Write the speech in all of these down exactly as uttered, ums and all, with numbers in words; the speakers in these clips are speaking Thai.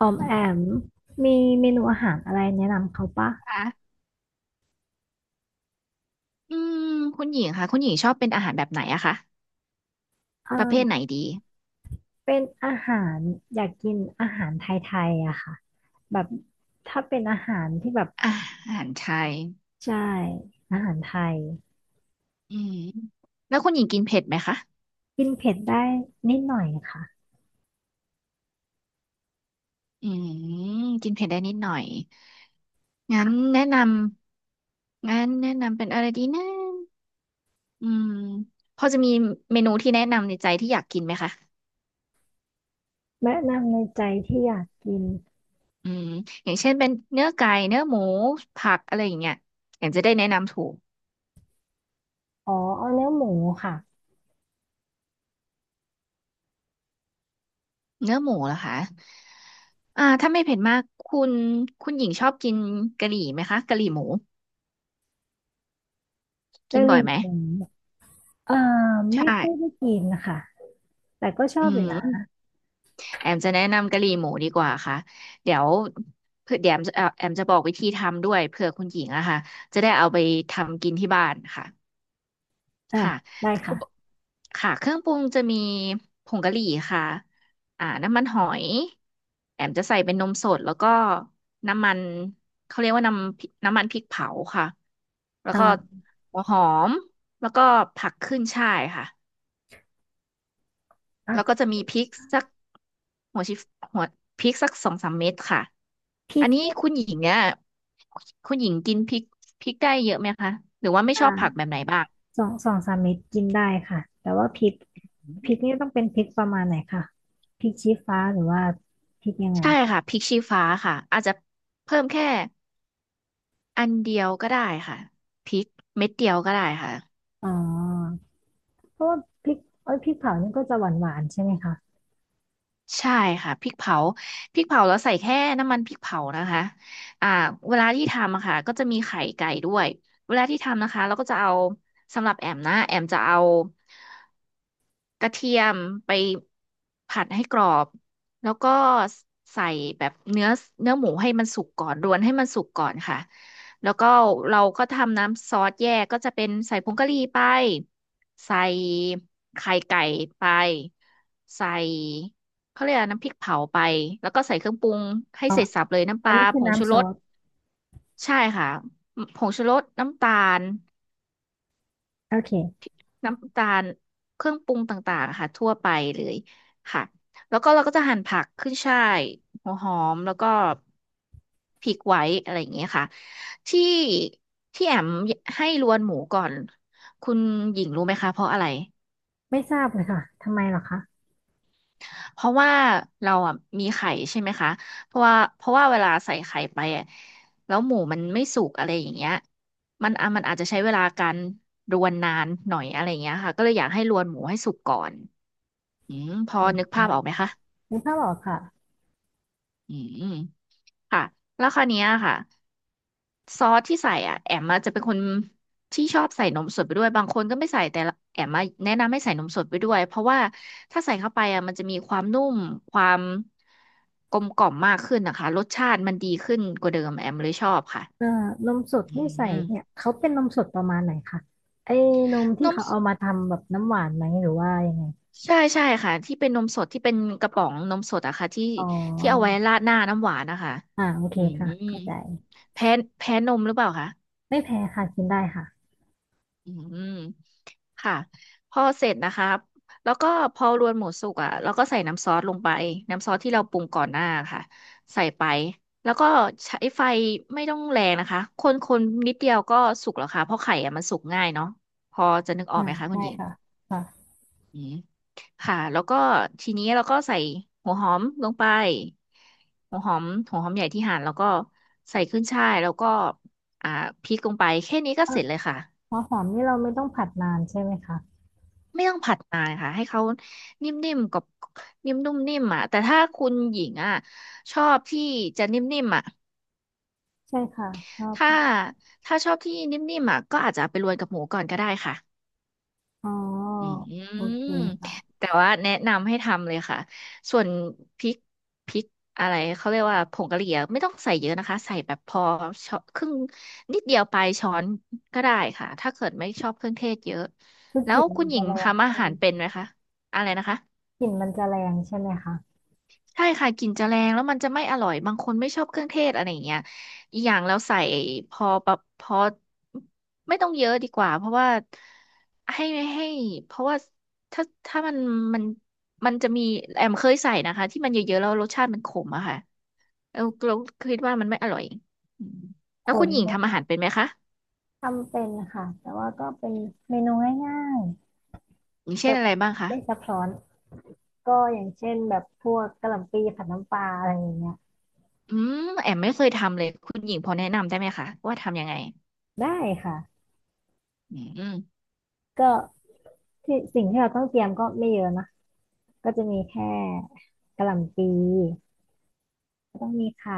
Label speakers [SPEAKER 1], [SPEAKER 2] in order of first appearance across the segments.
[SPEAKER 1] ออมแอมมีเมนูอาหารอะไรแนะนำเขาปะ
[SPEAKER 2] ค่ะอืมคุณหญิงค่ะคุณหญิงชอบเป็นอาหารแบบไหนอะคะประเภท
[SPEAKER 1] เอ
[SPEAKER 2] ไหน
[SPEAKER 1] อ
[SPEAKER 2] ดี
[SPEAKER 1] เป็นอาหารอยากกินอาหารไทยๆอะค่ะแบบถ้าเป็นอาหารที่แบบ
[SPEAKER 2] อาหารไทย
[SPEAKER 1] ใช่อาหารไทย
[SPEAKER 2] อืมแล้วคุณหญิงกินเผ็ดไหมคะ
[SPEAKER 1] กินเผ็ดได้นิดหน่อยค่ะ
[SPEAKER 2] อืมกินเผ็ดได้นิดหน่อยงั้น
[SPEAKER 1] ค่ะ
[SPEAKER 2] แนะนำงั้นแนะนำเป็นอะไรดีนะอืมพอจะมีเมนูที่แนะนำในใจที่อยากกินไหมคะ
[SPEAKER 1] แนะนำในใจที่อยากกิน
[SPEAKER 2] อืมอย่างเช่นเป็นเนื้อไก่เนื้อหมูผักอะไรอย่างเงี้ยอย่างจะได้แนะนำถูก
[SPEAKER 1] อ๋อเอาเนื้อหมูค่ะ
[SPEAKER 2] เนื้อหมูเหรอคะอ่าถ้าไม่เผ็ดมากคุณคุณหญิงชอบกินกะหรี่ไหมคะกะหรี่หมูกิ
[SPEAKER 1] กะ
[SPEAKER 2] น
[SPEAKER 1] ห
[SPEAKER 2] บ่อ
[SPEAKER 1] รี่
[SPEAKER 2] ยไหม
[SPEAKER 1] หมูเออ
[SPEAKER 2] ใช
[SPEAKER 1] ไม่ค่อยได้
[SPEAKER 2] ่
[SPEAKER 1] กินนะคะแต่ก็ชอ
[SPEAKER 2] อื
[SPEAKER 1] บอยู่นะ
[SPEAKER 2] มแอมจะแนะนำกะหรี่หมูดีกว่าค่ะเดี๋ยวเผื่อเดี๋ยวแอมจะเอ่อแอมจะบอกวิธีทำด้วยเผื่อคุณหญิงอะค่ะจะได้เอาไปทำกินที่บ้านค่ะ
[SPEAKER 1] อ่ะ
[SPEAKER 2] ค่ะ
[SPEAKER 1] ได้
[SPEAKER 2] อุป
[SPEAKER 1] ค่ะ
[SPEAKER 2] ค่ะ เครื่องปรุงจะมีผงกะหรี่ค่ะอ่าน้ำมันหอย แอมจะใส่เป็นนมสด แล้วก็น้ำมัน เขาเรียกว่าน้ำพริน้ำมันพริกเผาค่ะ แล้วก็
[SPEAKER 1] อ่า
[SPEAKER 2] หัวหอม แล้วก็ผักขึ้นฉ่ายค่ะ
[SPEAKER 1] อ่ะ
[SPEAKER 2] แล้วก็จะมีพริกสักหัวชิหัวพริกสักสองสามเม็ดค่ะ
[SPEAKER 1] พริ
[SPEAKER 2] อั
[SPEAKER 1] ก
[SPEAKER 2] นนี้
[SPEAKER 1] เนี่ย
[SPEAKER 2] คุณหญิงเนี่ยคุณหญิงกินพริกพริกได้เยอะไหมคะ หรือว่าไม่
[SPEAKER 1] อ
[SPEAKER 2] ชอบผักแบ
[SPEAKER 1] ่า
[SPEAKER 2] บไหนบ้าง
[SPEAKER 1] สองสองสามเม็ดกินได้ค่ะแต่ว่าพริกพริกนี่ต้องเป็นพริกประมาณไหนคะพริกชี้ฟ้าหรือว่าพริกยังไง
[SPEAKER 2] ใช่ค่ะพริกชี้ฟ้าค่ะอาจจะเพิ่มแค่อันเดียวก็ได้ค่ะพริกเม็ดเดียวก็ได้ค่ะ
[SPEAKER 1] อ๋อเพราะว่าพริกเอ้ยพริกเผานี่ก็จะหวานหวานใช่ไหมคะ
[SPEAKER 2] ใช่ค่ะพริกเผาพริกเผาแล้วใส่แค่น้ำมันพริกเผานะคะอ่าเวลาที่ทำอะค่ะก็จะมีไข่ไก่ด้วยเวลาที่ทำนะคะเราก็จะเอาสำหรับแอมนะแอมจะเอา กระเทียมไปผัดให้กรอบแล้วก็ใส่แบบเนื้อเนื้อหมูให้มันสุกก่อนรวนให้มันสุกก่อนค่ะแล้วก็เราก็ทำน้ำซอสแยกก็จะเป็นใส่ผงกะหรี่ไปใส่ไข่ไก่ไปใส่เขาเรียกอะไรน้ำพริกเผาไปแล้วก็ใส่เครื่องปรุงให้
[SPEAKER 1] อ๋อ
[SPEAKER 2] เสร็จสรรพเลยน้ำป
[SPEAKER 1] อัน
[SPEAKER 2] ลา
[SPEAKER 1] นี้คื
[SPEAKER 2] ผ
[SPEAKER 1] อ
[SPEAKER 2] งชู
[SPEAKER 1] น้ำซ
[SPEAKER 2] ร
[SPEAKER 1] อ
[SPEAKER 2] ส
[SPEAKER 1] ส
[SPEAKER 2] ใช่ค่ะผงชูรสน้ำตาล
[SPEAKER 1] โอเค
[SPEAKER 2] น้ำตาลเครื่องปรุงต่างๆอะค่ะทั่วไปเลยค่ะแล้วก็เราก็จะหั่นผักขึ้นฉ่ายหัวหอมแล้วก็พริกไว้อะไรอย่างเงี้ยค่ะที่ที่แอมให้รวนหมูก่อนคุณหญิงรู้ไหมคะเพราะอะไร
[SPEAKER 1] ไม่ทราบเลยค่ะทำไมเหรอคะ
[SPEAKER 2] เพราะว่าเราอ่ะมีไข่ใช่ไหมคะเพราะว่าเพราะว่าเวลาใส่ไข่ไปอะแล้วหมูมันไม่สุกอะไรอย่างเงี้ยมันอ่ะมันอาจจะใช้เวลาการรวนนานหน่อยอะไรอย่างเงี้ยค่ะก็เลยอยากให้รวนหมูให้สุกก่อน อืมพอ
[SPEAKER 1] อืม
[SPEAKER 2] นึกภาพออกไหมคะ
[SPEAKER 1] นึกภาพออกค่ะ
[SPEAKER 2] อืมค่ะแล้วคราวเนี้ยค่ะซอสที่ใส่อ่ะแอมมาจะเป็นคนที่ชอบใส่นมสดไปด้วยบางคนก็ไม่ใส่แต่ละแอมมาแนะนำให้ใส่นมสดไปด้วยเพราะว่าถ้าใส่เข้าไปอ่ะมันจะมีความนุ่มความกลมกล่อมมากขึ้นนะคะรสชาติมันดีขึ้นกว่าเดิมแอมเลยชอบค่ะ
[SPEAKER 1] เอ่อนมสด
[SPEAKER 2] อื
[SPEAKER 1] ที่ใส่
[SPEAKER 2] ม
[SPEAKER 1] เนี่ยเขาเป็นนมสดประมาณไหนคะไอ้นมที่
[SPEAKER 2] นม
[SPEAKER 1] เขา
[SPEAKER 2] ส
[SPEAKER 1] เอามาทำแบบน้ำหวานไหมหรือว่ายังไง
[SPEAKER 2] ใช่ใช่ค่ะที่เป็นนมสดที่เป็นกระป๋องนมสดอะค่ะที่
[SPEAKER 1] อ๋
[SPEAKER 2] ที่เอาไว้
[SPEAKER 1] อ
[SPEAKER 2] ราดหน้าน้ำหวานนะคะ
[SPEAKER 1] อ่าโอเค
[SPEAKER 2] อื
[SPEAKER 1] ค่ะ
[SPEAKER 2] ม
[SPEAKER 1] เข้าใจ
[SPEAKER 2] แพ้แพ้นมหรือเปล่าคะ
[SPEAKER 1] ไม่แพ้ค่ะกินได้ค่ะ
[SPEAKER 2] อืมค่ะพอเสร็จนะคะแล้วก็พอรวนหมูสุกอ่ะเราก็ใส่น้ำซอสลงไปน้ำซอสที่เราปรุงก่อนหน้าค่ะใส่ไปแล้วก็ใช้ไฟไม่ต้องแรงนะคะคนคนนิดเดียวก็สุกแล้วค่ะเพราะไข่อ่ะมันสุกง่ายเนาะพอจะนึกออ
[SPEAKER 1] อ่า
[SPEAKER 2] กไหมคะคุ
[SPEAKER 1] ใช่
[SPEAKER 2] ณหญิง
[SPEAKER 1] ค่ะค่ะ
[SPEAKER 2] อืมค่ะแล้วก็ทีนี้เราก็ใส่หัวหอมลงไปหัวหอมหัวหอมใหญ่ที่หั่นแล้วก็ใส่ขึ้นฉ่ายแล้วก็อ่าพริกลงไปแค่นี้ก็
[SPEAKER 1] เอ่
[SPEAKER 2] เส
[SPEAKER 1] อ
[SPEAKER 2] ร็จเลยค่ะ
[SPEAKER 1] หัวหอมนี่เราไม่ต้องผัดนานใช่ไหมคะ
[SPEAKER 2] ไม่ต้องผัดนานค่ะให้เขานิ่มๆกับนิ่มนุ่มนิ่มอ่ะแต่ถ้าคุณหญิงอ่ะชอบที่จะนิ่มๆอ่ะ
[SPEAKER 1] ใช่ค่ะชอบ
[SPEAKER 2] ถ้าถ้าชอบที่นิ่มๆอ่ะก็อาจจะเอาไปรวนกับหมูก่อนก็ได้ค่ะ
[SPEAKER 1] อ๋อ
[SPEAKER 2] อื
[SPEAKER 1] โอเค
[SPEAKER 2] ม
[SPEAKER 1] ค่ะ
[SPEAKER 2] แต่ว่าแนะนำให้ทำเลยค่ะส่วนพริกพริกอะไรเขาเรียกว่าผงกะหรี่อะไม่ต้องใส่เยอะนะคะใส่แบบพอช้อนครึ่งนิดเดียวปลายช้อนก็ได้ค่ะถ้าเกิดไม่ชอบเครื่องเทศเยอะ
[SPEAKER 1] คือ
[SPEAKER 2] แล้
[SPEAKER 1] ก
[SPEAKER 2] ว
[SPEAKER 1] ลิ่น
[SPEAKER 2] คุ
[SPEAKER 1] มั
[SPEAKER 2] ณ
[SPEAKER 1] น
[SPEAKER 2] หญิ
[SPEAKER 1] จะ
[SPEAKER 2] ง
[SPEAKER 1] แรง
[SPEAKER 2] ทำอา
[SPEAKER 1] ใช่ไห
[SPEAKER 2] หารเป็น
[SPEAKER 1] ม
[SPEAKER 2] ไหมคะอะไรนะคะ
[SPEAKER 1] กลิ่นมันจะแรงใช่ไหมคะ
[SPEAKER 2] ใช่ค่ะกลิ่นจะแรงแล้วมันจะไม่อร่อยบางคนไม่ชอบเครื่องเทศอะไรอย่างเงี้ยอีกอย่างแล้วใส่พอแบบพอไม่ต้องเยอะดีกว่าเพราะว่าให้ให้เพราะว่าถ้าถ้ามันมันมันจะมีแอมเคยใส่นะคะที่มันเยอะๆแล้วรสชาติมันขมอะค่ะแล้วเราคิดว่ามันไม่อร่อยอืม
[SPEAKER 1] ผ
[SPEAKER 2] แล้วคุ
[SPEAKER 1] ม
[SPEAKER 2] ณหญิงทำอาหารเป็นไหมคะ
[SPEAKER 1] ทำเป็นค่ะแต่ว่าก็เป็นเมนูง่าย
[SPEAKER 2] อย่าง
[SPEAKER 1] ๆแบ
[SPEAKER 2] เช่น
[SPEAKER 1] บ
[SPEAKER 2] อะไรบ้างคะ
[SPEAKER 1] ไม่ซับซ้อนก็อย่างเช่นแบบพวกกะหล่ำปีผัดน้ำปลาอะไรอย่างเงี้ย
[SPEAKER 2] อืมแอมไม่เคยทำเลยคุณหญิงพอแนะนำได้ไหมคะว่าทำยังไง
[SPEAKER 1] ได้ค่ะ
[SPEAKER 2] อืม
[SPEAKER 1] ก็ที่สิ่งที่เราต้องเตรียมก็ไม่เยอะนะก็จะมีแค่กะหล่ำปี ต้องมีไข่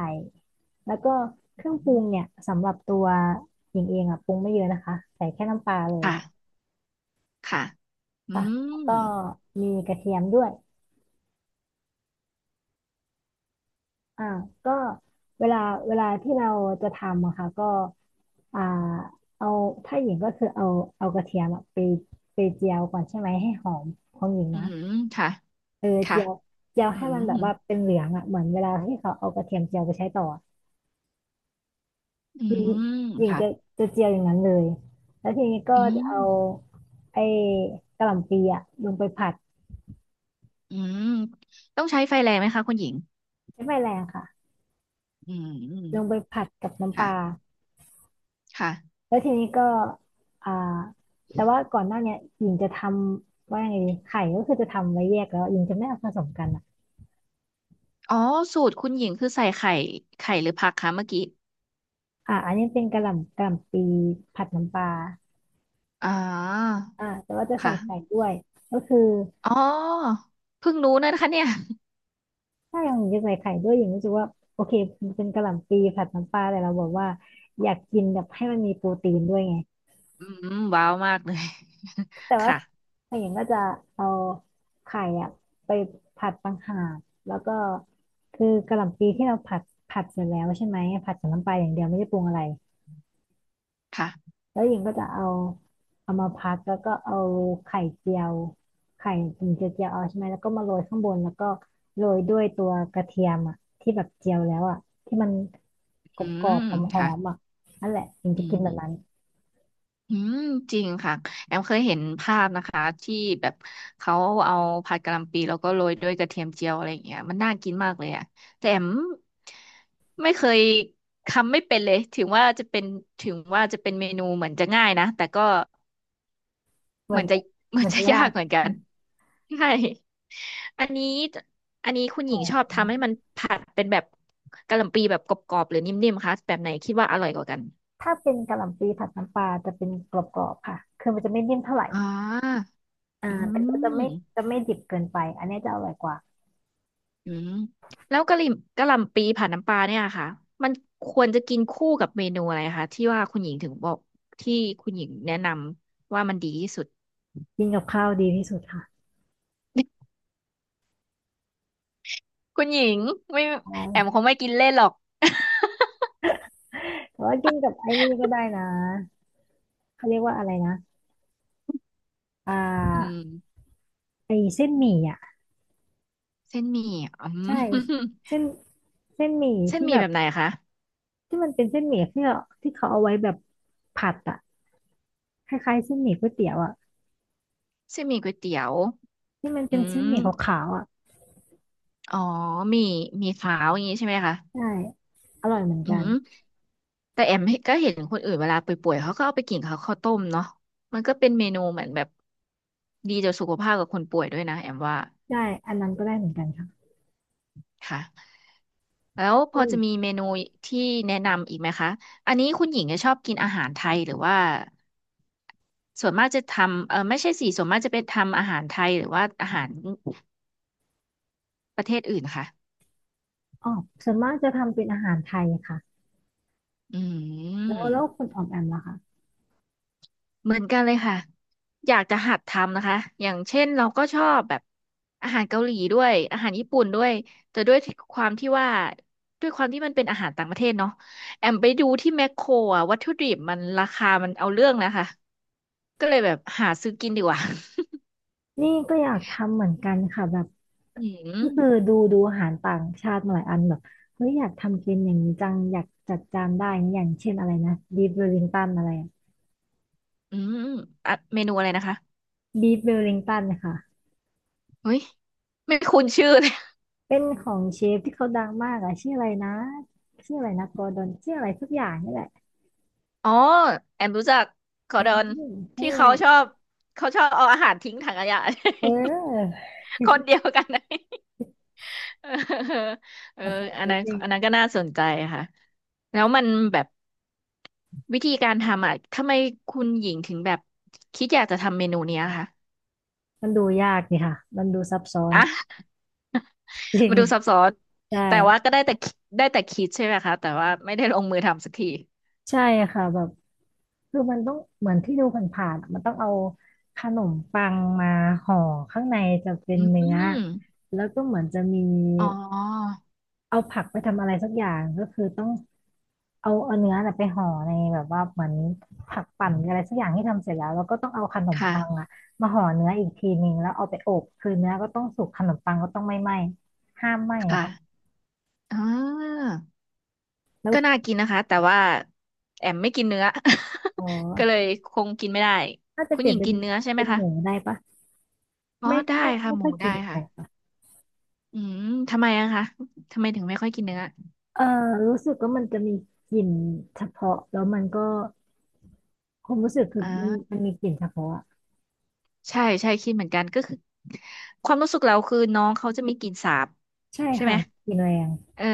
[SPEAKER 1] แล้วก็เครื่องปรุงเนี่ยสำหรับตัวหญิงเองอ่ะปรุงไม่เยอะนะคะใส่แค่น้ำปลาเลย
[SPEAKER 2] ค่ะ ค่ะอื
[SPEAKER 1] ค่ะแล้ว
[SPEAKER 2] ม
[SPEAKER 1] ก็มีกระเทียมด้วยอ่าก็เวลาเวลาที่เราจะทำอะค่ะก็อ่าเอาถ้าหญิงก็คือเอาเอากระเทียมอะไปไปเจียวก่อนใช่ไหมให้หอมของหญิง
[SPEAKER 2] อื
[SPEAKER 1] นะ
[SPEAKER 2] มค่ะ
[SPEAKER 1] เออ
[SPEAKER 2] ค่ะ
[SPEAKER 1] เจียวเจียว
[SPEAKER 2] อื
[SPEAKER 1] ให้มัน
[SPEAKER 2] ม
[SPEAKER 1] แบบว่าเป็นเหลืองอ่ะเหมือนเวลาที่เขาเอากระเทียมเจียวไปใช้ต่อ
[SPEAKER 2] อื
[SPEAKER 1] หญิง
[SPEAKER 2] ม
[SPEAKER 1] หญิง
[SPEAKER 2] ค่ะ
[SPEAKER 1] จะจะเจียวอย่างนั้นเลยแล้วทีนี้ก็
[SPEAKER 2] อื
[SPEAKER 1] จะ
[SPEAKER 2] ม
[SPEAKER 1] เอาไอ้กะหล่ำปีอะลงไปผัด
[SPEAKER 2] อืมต้องใช้ไฟแรงไหมคะคุณหญิง
[SPEAKER 1] ใช้ไฟแรงค่ะ
[SPEAKER 2] อื
[SPEAKER 1] ลงไป
[SPEAKER 2] ม
[SPEAKER 1] ผัดกับน้ำปลา
[SPEAKER 2] ค่ะค่ะ
[SPEAKER 1] แล้วทีนี้ก็อ่าแต่ว่าก่อนหน้าเนี้ยหญิงจะทำว่ายังไงดีไข่ก็คือจะทำไว้แยกแล้วหญิงจะไม่เอาผสมกันอะ
[SPEAKER 2] อ๋อสูตรคุณหญิงคือใส่ไข่ไข่หรือผักคะเมื่อกี้
[SPEAKER 1] อ่ะอันนี้เป็นกะหล่ำกะหล่ำปีผัดน้ำปลา
[SPEAKER 2] อ๋อ
[SPEAKER 1] อ่าแต่ว่าจะใส่ไข่
[SPEAKER 2] ค่ะ
[SPEAKER 1] ด้วยก็คือ
[SPEAKER 2] อ๋อเพิ่งรู้นะคะเนี่ย
[SPEAKER 1] ถ้าอย่างจะใส่ไข่ด้วยอย่างรู้สึกว่าโอเคเป็นกะหล่ำปีผัดน้ำปลาแต่เราบอกว่าอยากกินแบบให้มันมีโปรตีนด้วยไง
[SPEAKER 2] อืมว้าวมากเลย
[SPEAKER 1] แต่ ว่า
[SPEAKER 2] ค่ะ
[SPEAKER 1] ถ้าอย่างก็จะเอาไข่อะไปผัดต่างหากแล้วก็คือกะหล่ำปีที่เราผัดผัดเสร็จแล้วใช่ไหมผัดกับน้ำปลาอย่างเดียวไม่ได้ปรุงอะไร
[SPEAKER 2] ค่ะ
[SPEAKER 1] แล้วหญิงก็จะเอาเอามาพักแล้วก็เอาไข่เจียวไข่ถึงจะเจียวเอาใช่ไหมแล้วก็มาโรยข้างบนแล้วก็โรยด้วยตัวกระเทียมอ่ะที่แบบเจียวแล้วอ่ะที่มันก
[SPEAKER 2] อื
[SPEAKER 1] รอ
[SPEAKER 2] ม
[SPEAKER 1] บๆหอ
[SPEAKER 2] ค่ะ
[SPEAKER 1] มๆอ่ะนั่นแหละหญิงจะ
[SPEAKER 2] อื
[SPEAKER 1] กิน
[SPEAKER 2] ม
[SPEAKER 1] แบบนั้น
[SPEAKER 2] อืมจริงค่ะแอมเคยเห็นภาพนะคะที่แบบเขาเอาผัดกะหล่ำปีแล้วก็โรยด้วยกระเทียมเจียวอะไรอย่างเงี้ยมันน่ากินมากเลยอะแต่แอมไม่เคยทำไม่เป็นเลยถึงว่าจะเป็นถึงว่าจะเป็นเมนูเหมือนจะง่ายนะแต่ก็
[SPEAKER 1] เห
[SPEAKER 2] เห
[SPEAKER 1] มือ
[SPEAKER 2] มือ
[SPEAKER 1] น
[SPEAKER 2] นจะ เหมื
[SPEAKER 1] เห
[SPEAKER 2] อ
[SPEAKER 1] มื
[SPEAKER 2] น
[SPEAKER 1] อน
[SPEAKER 2] จะ
[SPEAKER 1] จะยา
[SPEAKER 2] ยา
[SPEAKER 1] ก
[SPEAKER 2] กเหมือนกันใช่อันนี้อันนี้คุณ
[SPEAKER 1] ห
[SPEAKER 2] ห
[SPEAKER 1] อ
[SPEAKER 2] ญิงชอบ
[SPEAKER 1] ม
[SPEAKER 2] ทำให้มันผัดเป็นแบบกะหล่ำปีแบบกรอบๆหรือนิ่มๆคะแบบไหนคิดว่าอร่อยกว่ากัน
[SPEAKER 1] ถ้าเป็นกะหล่ำปลีผัดน้ำปลาจะเป็นกรอบๆค่ะคือมันจะไม่นิ่มเท่าไหร่
[SPEAKER 2] อ่า
[SPEAKER 1] อ่า
[SPEAKER 2] อื
[SPEAKER 1] แต่ก็จะไม่จะ
[SPEAKER 2] ม
[SPEAKER 1] ไม่ดิบเกินไปอันเนี้ยจะอร่อยกว่า
[SPEAKER 2] อืมแล้วกะหรี่กะหล่ำปีผัดน้ำปลาเนี่ยค่ะมันควรจะกินคู่กับเมนูอะไรคะที่ว่าคุณหญิงถึงบอกที่คุณหญิงแนะนำว่ามันดีที่สุด
[SPEAKER 1] กินกับข้าวดีที่สุดค่ะ
[SPEAKER 2] คุณหญิงไม่แอม
[SPEAKER 1] ใช่
[SPEAKER 2] คงไม่กินเล่นหรอก
[SPEAKER 1] แต่ว่ากินกับไอ้นี่ก็ได้นะเขาเรียกว่าอะไรนะ อ่
[SPEAKER 2] อื
[SPEAKER 1] า
[SPEAKER 2] ม
[SPEAKER 1] ไอเส้นหมี่อ่ะ
[SPEAKER 2] เส้นหมี่อืม
[SPEAKER 1] ใช่ เส้นเส้นหมี่
[SPEAKER 2] เส้น
[SPEAKER 1] ที่
[SPEAKER 2] หมี่
[SPEAKER 1] แบ
[SPEAKER 2] แบ
[SPEAKER 1] บ
[SPEAKER 2] บไหนคะ
[SPEAKER 1] ที่มันเป็นเส้นหมี่ที่เราที่เขาเอาไว้แบบผัดอ่ะคล้ายๆเส้นหมี่ก๋วยเตี๋ยวอ่ะ
[SPEAKER 2] เส้นหมี่ก๋วยเตี๋ยว
[SPEAKER 1] ที่มัน
[SPEAKER 2] อื
[SPEAKER 1] เป็นเส้น
[SPEAKER 2] ม
[SPEAKER 1] หมี่ขาวๆอ่ะ
[SPEAKER 2] อ๋อหมี่หมี่ขาวอย่างนี้ใช่ไหมคะ
[SPEAKER 1] ใช่อร่อยเหมือน
[SPEAKER 2] อื
[SPEAKER 1] กัน
[SPEAKER 2] มแต่แอมก็เห็นคนอื่นเวลาป่วยๆเขาก็เอาไปกินเข้าวข้าวต้มเนาะมันก็เป็นเมนูเหมือนแบบดีต่อสุขภาพกับคนป่วยด้วยนะแอมว่า
[SPEAKER 1] ได้อันนั้นก็ได้เหมือนกันค่ะ
[SPEAKER 2] ค่ะแล้วพ
[SPEAKER 1] อื
[SPEAKER 2] อจะมี
[SPEAKER 1] อ
[SPEAKER 2] เมนูที่แนะนำอีกไหมคะอันนี้คุณหญิงจะชอบกินอาหารไทยหรือว่าส่วนมากจะทำเออไม่ใช่สิส่วนมากจะเป็นทำอาหารไทยหรือว่าอาหารประเทศอื่นค่ะ
[SPEAKER 1] อ๋อส่วนมากจะทำเป็นอาหารไทยค่ะ
[SPEAKER 2] อื
[SPEAKER 1] แล้วแล้ว
[SPEAKER 2] ม
[SPEAKER 1] คุณออมแอมล่ะคะ
[SPEAKER 2] เหมือนกันเลยค่ะอยากจะหัดทำนะคะอย่างเช่นเราก็ชอบแบบอาหารเกาหลีด้วยอาหารญี่ปุ่นด้วยแต่ด้วยความที่ว่าด้วยความที่มันเป็นอาหารต่างประเทศเนาะแอมไปดูที่แมคโครอะวัตถุดิบมันราคามันเอาเรื่องนะคะก็เลยแบบหาซื้อกินดีกว่า
[SPEAKER 1] นี่ก็อยากทำเหมือนกันค่ะแบบ
[SPEAKER 2] อื
[SPEAKER 1] ก็คือ
[SPEAKER 2] ม
[SPEAKER 1] ดูดูอาหารต่างชาติมาหลายอันแบบเฮ้ยอยากทำเป็นอย่างนี้จังอยากจัดจานได้นะอย่างเช่นอะไรนะบีฟเวลลิงตันอะไร
[SPEAKER 2] อืมอะเมนูอะไรนะคะ
[SPEAKER 1] บีฟเวลลิงตันน่ะ
[SPEAKER 2] เฮ้ยไม่คุ้นชื่อเลย
[SPEAKER 1] เป็นของเชฟที่เขาดังมากอะชื่ออะไรนะชื่ออะไรนะกอร์ดอนชื่ออะไรสักอย่างนี่แหละ
[SPEAKER 2] อ๋อแอมรู้จักคอ
[SPEAKER 1] เออ
[SPEAKER 2] ร์ดอน
[SPEAKER 1] นั่น
[SPEAKER 2] ที่
[SPEAKER 1] แห
[SPEAKER 2] เขา
[SPEAKER 1] ละ
[SPEAKER 2] ชอบเขาชอบเอาอาหารทิ้งถังขยะ
[SPEAKER 1] เออ
[SPEAKER 2] คนเดียวกันนะ เออเอ
[SPEAKER 1] ข
[SPEAKER 2] อ
[SPEAKER 1] อโทษ
[SPEAKER 2] อันนั้น
[SPEAKER 1] นิง
[SPEAKER 2] อันนั้นก็น่าสนใจค่ะแล้วมันแบบวิธีการทำอ่ะทำไมคุณหญิงถึงแบบคิดอยากจะทำเมนูเนี้ยคะ
[SPEAKER 1] มันดูยากนี่ค่ะมันดูซับซ้อน
[SPEAKER 2] อ่ะ
[SPEAKER 1] จริ
[SPEAKER 2] มา
[SPEAKER 1] ง
[SPEAKER 2] ดูซับซ้อน
[SPEAKER 1] ใช่
[SPEAKER 2] แต่ว่าก็ได้แต่คิดได้แต่คิดใช่ไหมคะแต่ว่าไม่ได้ลงมือทำสักที
[SPEAKER 1] ใช่ค่ะแบบคือมันต้องเหมือนที่ดูผ่านๆอะมันต้องเอาขนมปังมาห่อข้างในจะเป็
[SPEAKER 2] อื
[SPEAKER 1] นเนื้อ
[SPEAKER 2] ม
[SPEAKER 1] แล้วก็เหมือนจะมี
[SPEAKER 2] อ๋อ
[SPEAKER 1] เอาผักไปทำอะไรสักอย่างก็คือต้องเอาเอาเนื้อน่ะไปห่อในแบบว่าเหมือนผักปั่นหอะไรสักอย่างที่ทำเสร็จแล้วแล้วก็ต้องเอาขนม
[SPEAKER 2] ค
[SPEAKER 1] ปังอะ
[SPEAKER 2] ่ะ
[SPEAKER 1] มาห่อเนื้ออีกทีนึงแล้วเอาไปอบคือเนื้อก็ต้องสุกขนมปังก็ต้องไม่ไหม้ห้ามไหม้อะ
[SPEAKER 2] ค่ะ
[SPEAKER 1] ค่ะ
[SPEAKER 2] อ่า
[SPEAKER 1] แล้ว
[SPEAKER 2] ก็น่ากินนะคะ แต่ว่าแอมไม่กินเนื้อ
[SPEAKER 1] พอ
[SPEAKER 2] ก็เลยคงกินไม่ได้
[SPEAKER 1] ถ้าจะ
[SPEAKER 2] คุณ
[SPEAKER 1] เปลี่
[SPEAKER 2] ห
[SPEAKER 1] ย
[SPEAKER 2] ญิ
[SPEAKER 1] น
[SPEAKER 2] ง
[SPEAKER 1] เป็น
[SPEAKER 2] กินเนื้อใช่ไหม
[SPEAKER 1] เป็นห
[SPEAKER 2] คะ
[SPEAKER 1] มูได้ปะ
[SPEAKER 2] อ๋อ
[SPEAKER 1] ไม่
[SPEAKER 2] ได้
[SPEAKER 1] ไม่
[SPEAKER 2] ค่ะ
[SPEAKER 1] ไม่
[SPEAKER 2] หมู
[SPEAKER 1] ค่อยกิ
[SPEAKER 2] ได้
[SPEAKER 1] น
[SPEAKER 2] ค่ะ
[SPEAKER 1] แต่
[SPEAKER 2] อืมทำไมอะคะทำไมถึงไม่ค่อยกินเนื้อ
[SPEAKER 1] เอ่อรู้สึกว่ามันจะมีกลิ่นเฉพาะแล้วมันก็ความรู้สึกคือมัน
[SPEAKER 2] อ่า
[SPEAKER 1] มันมีกลิ่นเฉพาะอะ
[SPEAKER 2] ใช่ใช่คิดเหมือนกันก็คือความรู้สึกเราคือน้องเขาจะมีกลิ่นสาบ
[SPEAKER 1] ใช่
[SPEAKER 2] ใช่ไห
[SPEAKER 1] ค่ะ
[SPEAKER 2] ม
[SPEAKER 1] กลิ่นแรง
[SPEAKER 2] เออ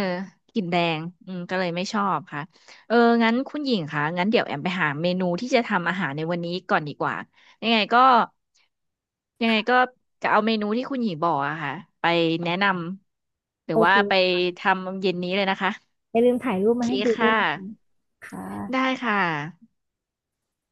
[SPEAKER 2] กลิ่นแดงอืมก็เลยไม่ชอบค่ะเอองั้นคุณหญิงคะงั้นเดี๋ยวแอมไปหาเมนูที่จะทำอาหารในวันนี้ก่อนดีกว่ายังไงก็ยังไงก็จะเอาเมนูที่คุณหญิงบอกอะค่ะไปแนะนำหรื
[SPEAKER 1] โอ
[SPEAKER 2] อว่าไป
[SPEAKER 1] เค
[SPEAKER 2] ทำเย็นนี้เลยนะคะ
[SPEAKER 1] อย่าลืมถ่ายรู
[SPEAKER 2] โอ
[SPEAKER 1] ป
[SPEAKER 2] เค
[SPEAKER 1] มาให้ดูด้ว
[SPEAKER 2] ค่ะ
[SPEAKER 1] ยนะคะค่
[SPEAKER 2] ได้
[SPEAKER 1] ะ
[SPEAKER 2] ค่ะ